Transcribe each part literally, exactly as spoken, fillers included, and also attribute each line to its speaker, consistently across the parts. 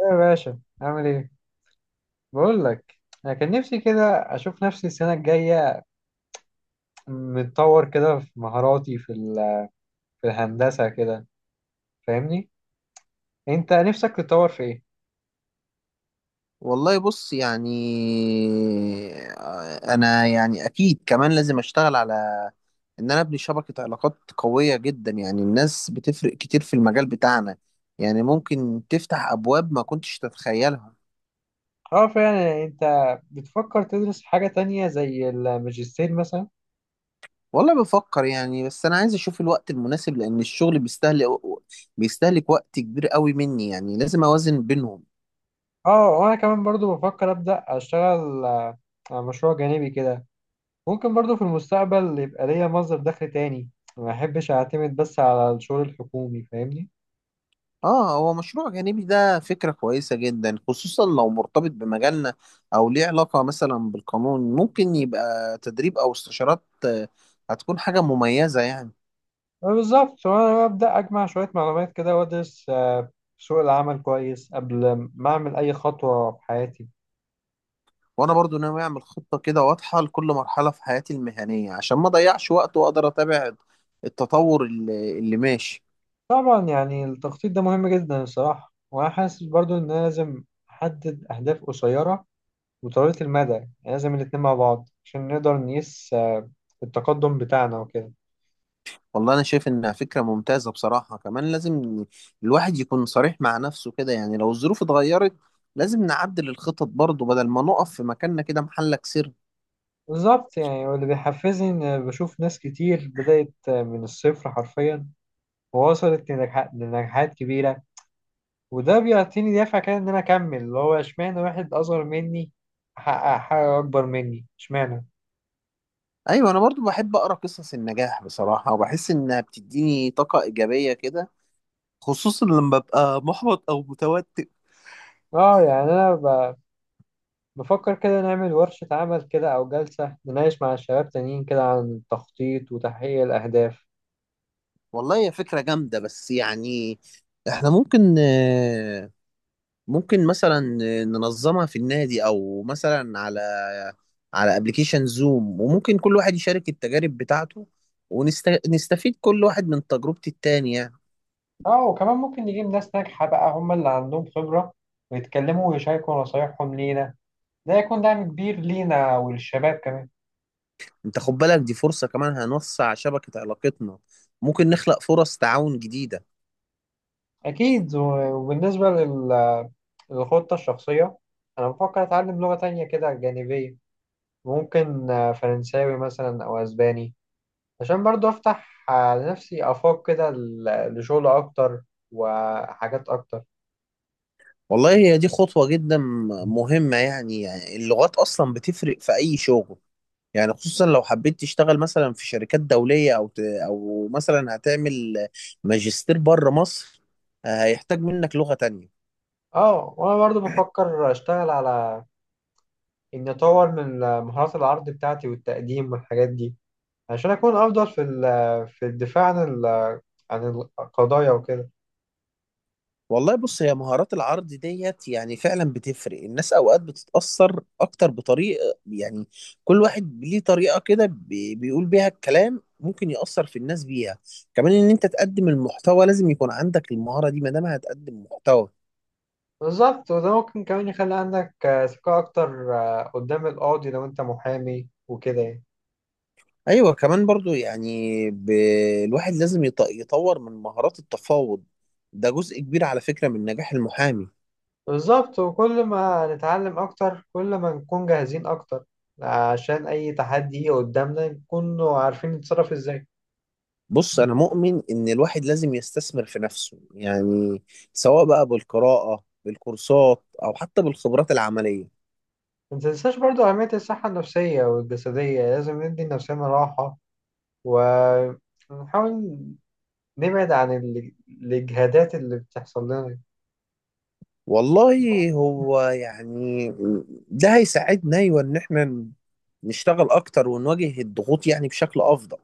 Speaker 1: إيه يا باشا، عامل ايه؟ بقول لك، انا كان نفسي كده اشوف نفسي السنه الجايه متطور كده في مهاراتي في ال- في الهندسه كده، فاهمني؟ انت نفسك تتطور في ايه؟
Speaker 2: والله بص يعني. آه، انا يعني اكيد كمان لازم اشتغل على ان انا ابني شبكة علاقات قوية جدا. يعني الناس بتفرق كتير في المجال بتاعنا، يعني ممكن تفتح ابواب ما كنتش تتخيلها.
Speaker 1: اه فعلا. يعني انت بتفكر تدرس حاجه تانية زي الماجستير مثلا؟
Speaker 2: والله بفكر يعني، بس انا عايز اشوف الوقت المناسب لان الشغل بيستهلك بيستهلك وقت كبير قوي مني، يعني لازم اوازن بينهم.
Speaker 1: اه، وانا كمان برضو بفكر ابدا اشتغل آه، على مشروع جانبي كده. ممكن برضو في المستقبل يبقى ليا مصدر دخل تاني. ما احبش اعتمد بس على الشغل الحكومي، فاهمني؟
Speaker 2: اه، هو مشروع جانبي ده فكرة كويسة جدا، خصوصا لو مرتبط بمجالنا او ليه علاقة مثلا بالقانون. ممكن يبقى تدريب او استشارات آه، هتكون حاجة مميزة يعني.
Speaker 1: بالظبط. وانا ببدا اجمع شويه معلومات كده وادرس آه، سوق العمل كويس قبل ما اعمل اي خطوه في حياتي.
Speaker 2: وانا برضو ناوي اعمل خطة كده واضحة لكل مرحلة في حياتي المهنية عشان ما اضيعش وقت واقدر اتابع التطور اللي, اللي ماشي.
Speaker 1: طبعا، يعني التخطيط ده مهم جدا الصراحه، وانا حاسس برضو ان أنا لازم احدد اهداف قصيره وطويله المدى، يعني لازم الاتنين مع بعض عشان نقدر نقيس آه، التقدم بتاعنا وكده.
Speaker 2: والله انا شايف انها فكرة ممتازة بصراحة. كمان لازم الواحد يكون صريح مع نفسه كده، يعني لو الظروف اتغيرت لازم نعدل الخطط برضو بدل ما نقف في مكاننا كده محلك سر.
Speaker 1: بالظبط، يعني واللي بيحفزني ان بشوف ناس كتير بدات آه، من الصفر حرفيا ووصلت لنجاح- لنجاحات كبيره، وده بيعطيني دافع كده ان انا اكمل، اللي هو اشمعنى واحد اصغر مني حقق حاجه اكبر مني، اشمعنى.
Speaker 2: ايوه، انا برضو بحب اقرا قصص النجاح بصراحه، وبحس انها بتديني طاقه ايجابيه كده، خصوصا لما ببقى محبط او متوتر.
Speaker 1: اه، يعني انا ب- بفكر كده نعمل ورشه عمل كده او جلسه نناقش مع الشباب تانيين كده عن التخطيط وتحقيق الاهداف.
Speaker 2: والله هي فكره جامده، بس يعني احنا ممكن آه، ممكن مثلا آه، ننظمها في النادي، او مثلا على على ابلكيشن زوم، وممكن كل واحد يشارك التجارب بتاعته ونستفيد كل واحد من تجربة التاني يعني.
Speaker 1: اه، وكمان ممكن نجيب ناس ناجحه بقى هم اللي عندهم خبره ويتكلموا ويشاركوا نصايحهم لينا. ده هيكون دعم كبير لينا وللشباب كمان.
Speaker 2: انت خد بالك، دي فرصة كمان هنوسع شبكة علاقتنا، ممكن نخلق فرص تعاون جديدة.
Speaker 1: اكيد. و- وبالنسبه لل- للخطه الشخصيه، انا بفكر اتعلم لغه تانية كده جانبيه، ممكن آه، فرنساوي مثلا أو أسباني، عشان برضو أفتح آه، لنفسي آفاق كده ل- لشغل أكتر وحاجات أكتر.
Speaker 2: والله هي دي خطوة جدا مهمة، يعني, يعني اللغات أصلا بتفرق في أي شغل، يعني خصوصا لو حبيت تشتغل مثلا في شركات دولية، أو ت... أو مثلا هتعمل ماجستير بره مصر، آه، هيحتاج منك لغة تانية.
Speaker 1: اه، وأنا برضو بفكر أشتغل على إني أطور من مهارات العرض بتاعتي والتقديم والحاجات دي عشان أكون أفضل في ال- في الدفاع عن ال- عن القضايا وكده.
Speaker 2: والله بص، هي مهارات العرض ديت يعني فعلا بتفرق. الناس أوقات بتتأثر أكتر بطريقة يعني، كل واحد ليه طريقة كده بي... بيقول بيها الكلام ممكن يأثر في الناس بيها. كمان إن أنت تقدم المحتوى لازم يكون عندك المهارة دي ما دام هتقدم محتوى.
Speaker 1: بالظبط. وده ممكن كمان يخلي عندك آه، ثقة أكتر آه، قدام القاضي لو أنت محامي، وكده يعني.
Speaker 2: ايوه كمان برضو يعني ب... الواحد لازم يط... يطور من مهارات التفاوض. ده جزء كبير على فكرة من نجاح المحامي.
Speaker 1: بالظبط. وكل ما نتعلم أكتر كل ما نكون جاهزين أكتر عشان أي تحدي يجي قدامنا نكون عارفين نتصرف إزاي.
Speaker 2: بص، انا مؤمن ان الواحد لازم يستثمر في نفسه، يعني سواء بقى بالقراءة بالكورسات او حتى بالخبرات العملية.
Speaker 1: ما تنساش برضو أهمية الصحة النفسية والجسدية. لازم ندي لنفسنا راحة ونحاول نبعد عن ال- الإجهادات اللي بتحصل لنا.
Speaker 2: والله هو يعني ده هيساعدنا، ايوه، ان احنا نشتغل اكتر ونواجه الضغوط يعني بشكل افضل.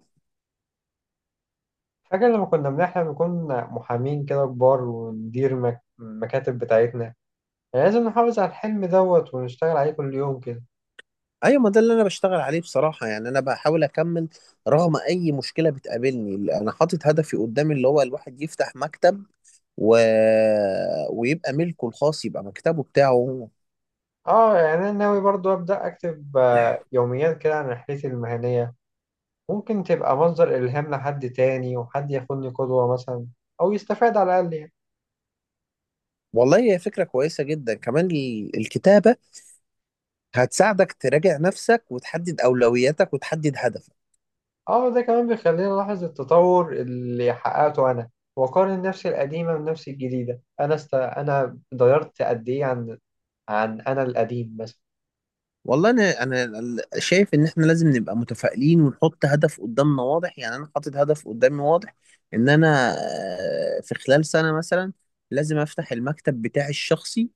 Speaker 1: فاكر لما كنا بنحلم نكون محامين كده كبار وندير مك- المكاتب بتاعتنا؟ لازم نحافظ على الحلم دوت ونشتغل عليه كل يوم كده.
Speaker 2: ايوه، ما ده اللي انا بشتغل عليه بصراحه. يعني انا بحاول اكمل رغم اي مشكله بتقابلني. انا حاطط هدفي قدامي اللي هو الواحد يفتح مكتب و... ويبقى ملكه الخاص، يبقى مكتبه بتاعه هو.
Speaker 1: اه، يعني انا ناوي برضو ابدا اكتب آه، يوميات كده عن رحلتي المهنيه. ممكن تبقى مصدر الهام لحد تاني وحد ياخدني قدوه مثلا او يستفاد على الاقل يعني.
Speaker 2: والله هي فكره كويسه جدا كمان ال- الكتابه هتساعدك تراجع نفسك وتحدد اولوياتك وتحدد هدف.
Speaker 1: اه، ده كمان بيخليني الاحظ التطور اللي حققته انا واقارن نفسي القديمه بنفسي الجديده. انا است... انا اتغيرت قد ايه عن عن انا القديم مثلا.
Speaker 2: والله انا انا ال- شايف ان احنا لازم نبقى متفائلين ونحط هدف قدامنا واضح. يعني انا حاطط هدف قدامي واضح ان انا آه، في خلال سنة مثلا لازم افتح المكتب بتاعي الشخصي،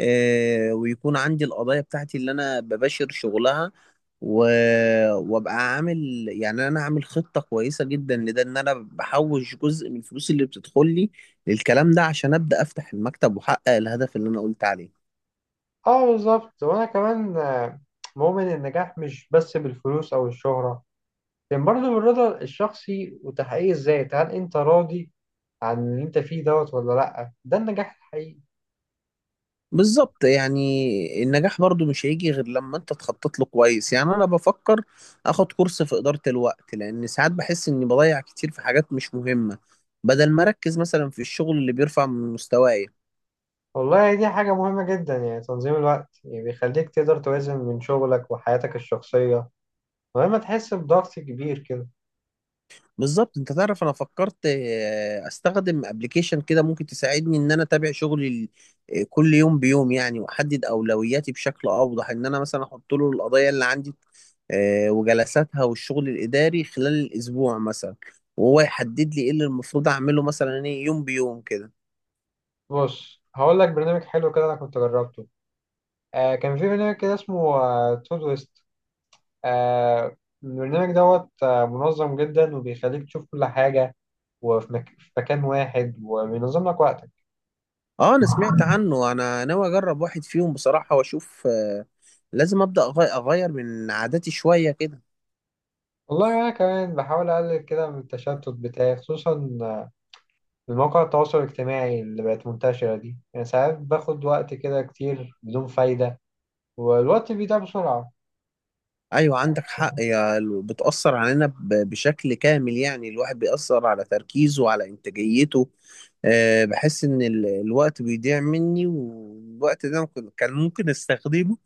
Speaker 2: آه، ويكون عندي القضايا بتاعتي اللي انا بباشر شغلها و- وابقى عامل. يعني انا عامل خطة كويسة جدا لده، ان انا بحوش جزء من الفلوس اللي بتدخل لي للكلام ده عشان ابدا افتح المكتب واحقق الهدف اللي انا قلت عليه.
Speaker 1: اه، بالظبط. وانا كمان آه، مؤمن إن النجاح مش بس بالفلوس او الشهره، لكن برضه بالرضا الشخصي وتحقيق الذات. هل انت راضي عن اللي انت فيه دوت ولا لأ؟ ده النجاح الحقيقي.
Speaker 2: بالظبط، يعني النجاح برضو مش هيجي غير لما انت تخطط له كويس. يعني انا بفكر اخد كورس في ادارة الوقت، لان ساعات بحس اني بضيع كتير في حاجات مش مهمة بدل ما اركز مثلا في الشغل اللي بيرفع من مستواي.
Speaker 1: والله دي حاجة مهمة جدا، يعني تنظيم الوقت يعني بيخليك تقدر توازن بين شغلك وحياتك الشخصية من غير ما تحس بضغط كبير كده.
Speaker 2: بالظبط. انت تعرف انا فكرت آه، استخدم ابلكيشن كده ممكن تساعدني ان انا اتابع شغلي ال- آه، كل يوم بيوم، يعني واحدد اولوياتي بشكل اوضح، ان انا مثلا احط له القضايا اللي عندي آه، وجلساتها والشغل الإداري خلال الأسبوع مثلا، وهو يحدد لي إيه اللي المفروض أعمله مثلا إيه يوم بيوم كده.
Speaker 1: بص، هقول لك برنامج حلو كده أنا كنت جربته. آه، كان في برنامج كده اسمه تود ويست. آه البرنامج دوت آه منظم جدا وبيخليك تشوف كل حاجة وفي مك... في مكان واحد وبينظم لك وقتك.
Speaker 2: أه، أنا سمعت عنه. أنا ناوي أجرب واحد فيهم بصراحة وأشوف. آه، لازم أبدأ أغي- أغير من عاداتي شوية كده.
Speaker 1: والله أنا كمان بحاول أقلل كده من التشتت بتاعي، خصوصا المواقع التواصل الاجتماعي اللي بقت منتشرة دي، يعني ساعات باخد وقت كده كتير بدون فايدة والوقت بيضيع بسرعة.
Speaker 2: أيوة، عندك حق يا ال- بتأثر علينا ب- بشكل كامل، يعني الواحد بيأثر على تركيزه وعلى إنتاجيته. آه، بحس إن ال- الوقت بيضيع مني، والوقت ده ممكن- كان ممكن أستخدمه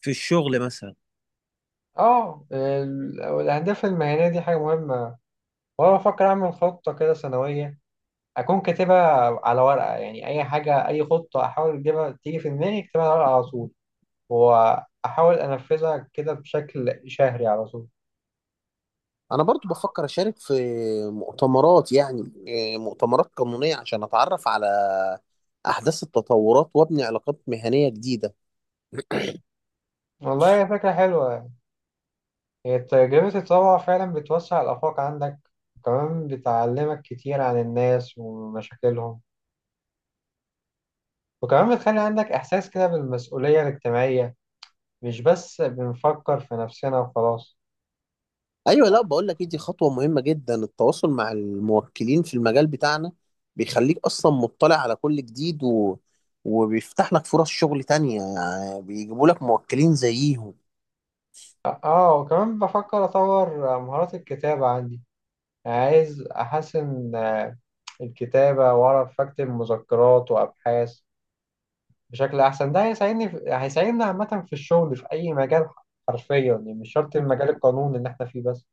Speaker 2: في الشغل مثلا.
Speaker 1: اه، ال- الأهداف المهنية دي حاجة مهمة، وأنا بفكر أعمل خطة كده سنوية أكون كاتبها على ورقة. يعني أي حاجة، أي خطة أحاول أجيبها تيجي في دماغي أكتبها على ورقة على طول وأحاول أنفذها كده بشكل شهري على طول.
Speaker 2: انا برضو بفكر اشارك في مؤتمرات، يعني إيه، مؤتمرات قانونية عشان اتعرف على احداث التطورات وابني علاقات مهنية جديدة.
Speaker 1: والله فكرة حلوة. هي تجربة التطوع فعلا بتوسع الآفاق عندك، وكمان بتعلمك كتير عن الناس ومشاكلهم، وكمان بتخلي عندك إحساس كده بالمسؤولية الاجتماعية، مش بس بنفكر في نفسنا وخلاص.
Speaker 2: ايوه، لا بقول لك إيه، دي خطوة مهمة جدا، التواصل مع الموكلين في المجال بتاعنا بيخليك اصلا مطلع على كل جديد و... وبيفتح لك فرص شغل تانية، يعني بيجيبوا لك موكلين زيهم.
Speaker 1: آه، وكمان بفكر أطور مهارات الكتابة عندي، يعني عايز أحسن آه، الكتابة وأعرف أكتب مذكرات وأبحاث بشكل أحسن. ده هيساعدني في... هيساعدنا عامة في الشغل في أي مجال حرفيا، يعني مش شرط المجال القانوني اللي إحنا فيه بس.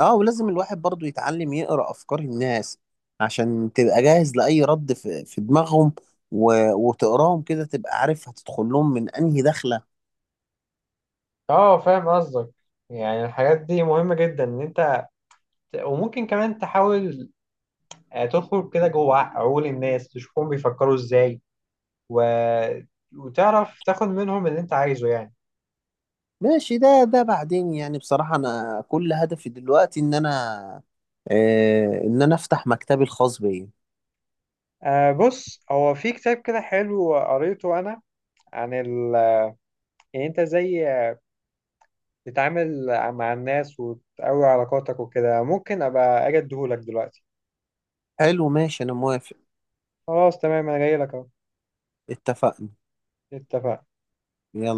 Speaker 2: اه، ولازم الواحد برضو يتعلم يقرأ أفكار الناس عشان تبقى جاهز لأي رد في, في دماغهم، و... وتقراهم كده تبقى عارف هتدخل لهم من أنهي دخلة.
Speaker 1: اه، فاهم قصدك. يعني الحاجات دي مهمة جدا ان انت، وممكن كمان تحاول آه، تدخل كده جوه عقول الناس تشوفهم بيفكروا ازاي و... وتعرف تاخد منهم اللي انت عايزه يعني.
Speaker 2: ماشي، ده ده بعدين يعني. بصراحة أنا كل هدفي دلوقتي إن أنا آه إن أنا أفتح مكتبي الخاص بيا.
Speaker 1: آه، بص هو في كتاب كده حلو قريته انا، عن ال... يعني انت ازاي تتعامل مع الناس وتقوي علاقاتك وكده. ممكن ابقى اجي اديهولك دلوقتي.
Speaker 2: حلو، ماشي، أنا موافق.
Speaker 1: خلاص تمام، انا جاي لك اهو.
Speaker 2: اتفقنا.
Speaker 1: اتفقنا.
Speaker 2: يلا.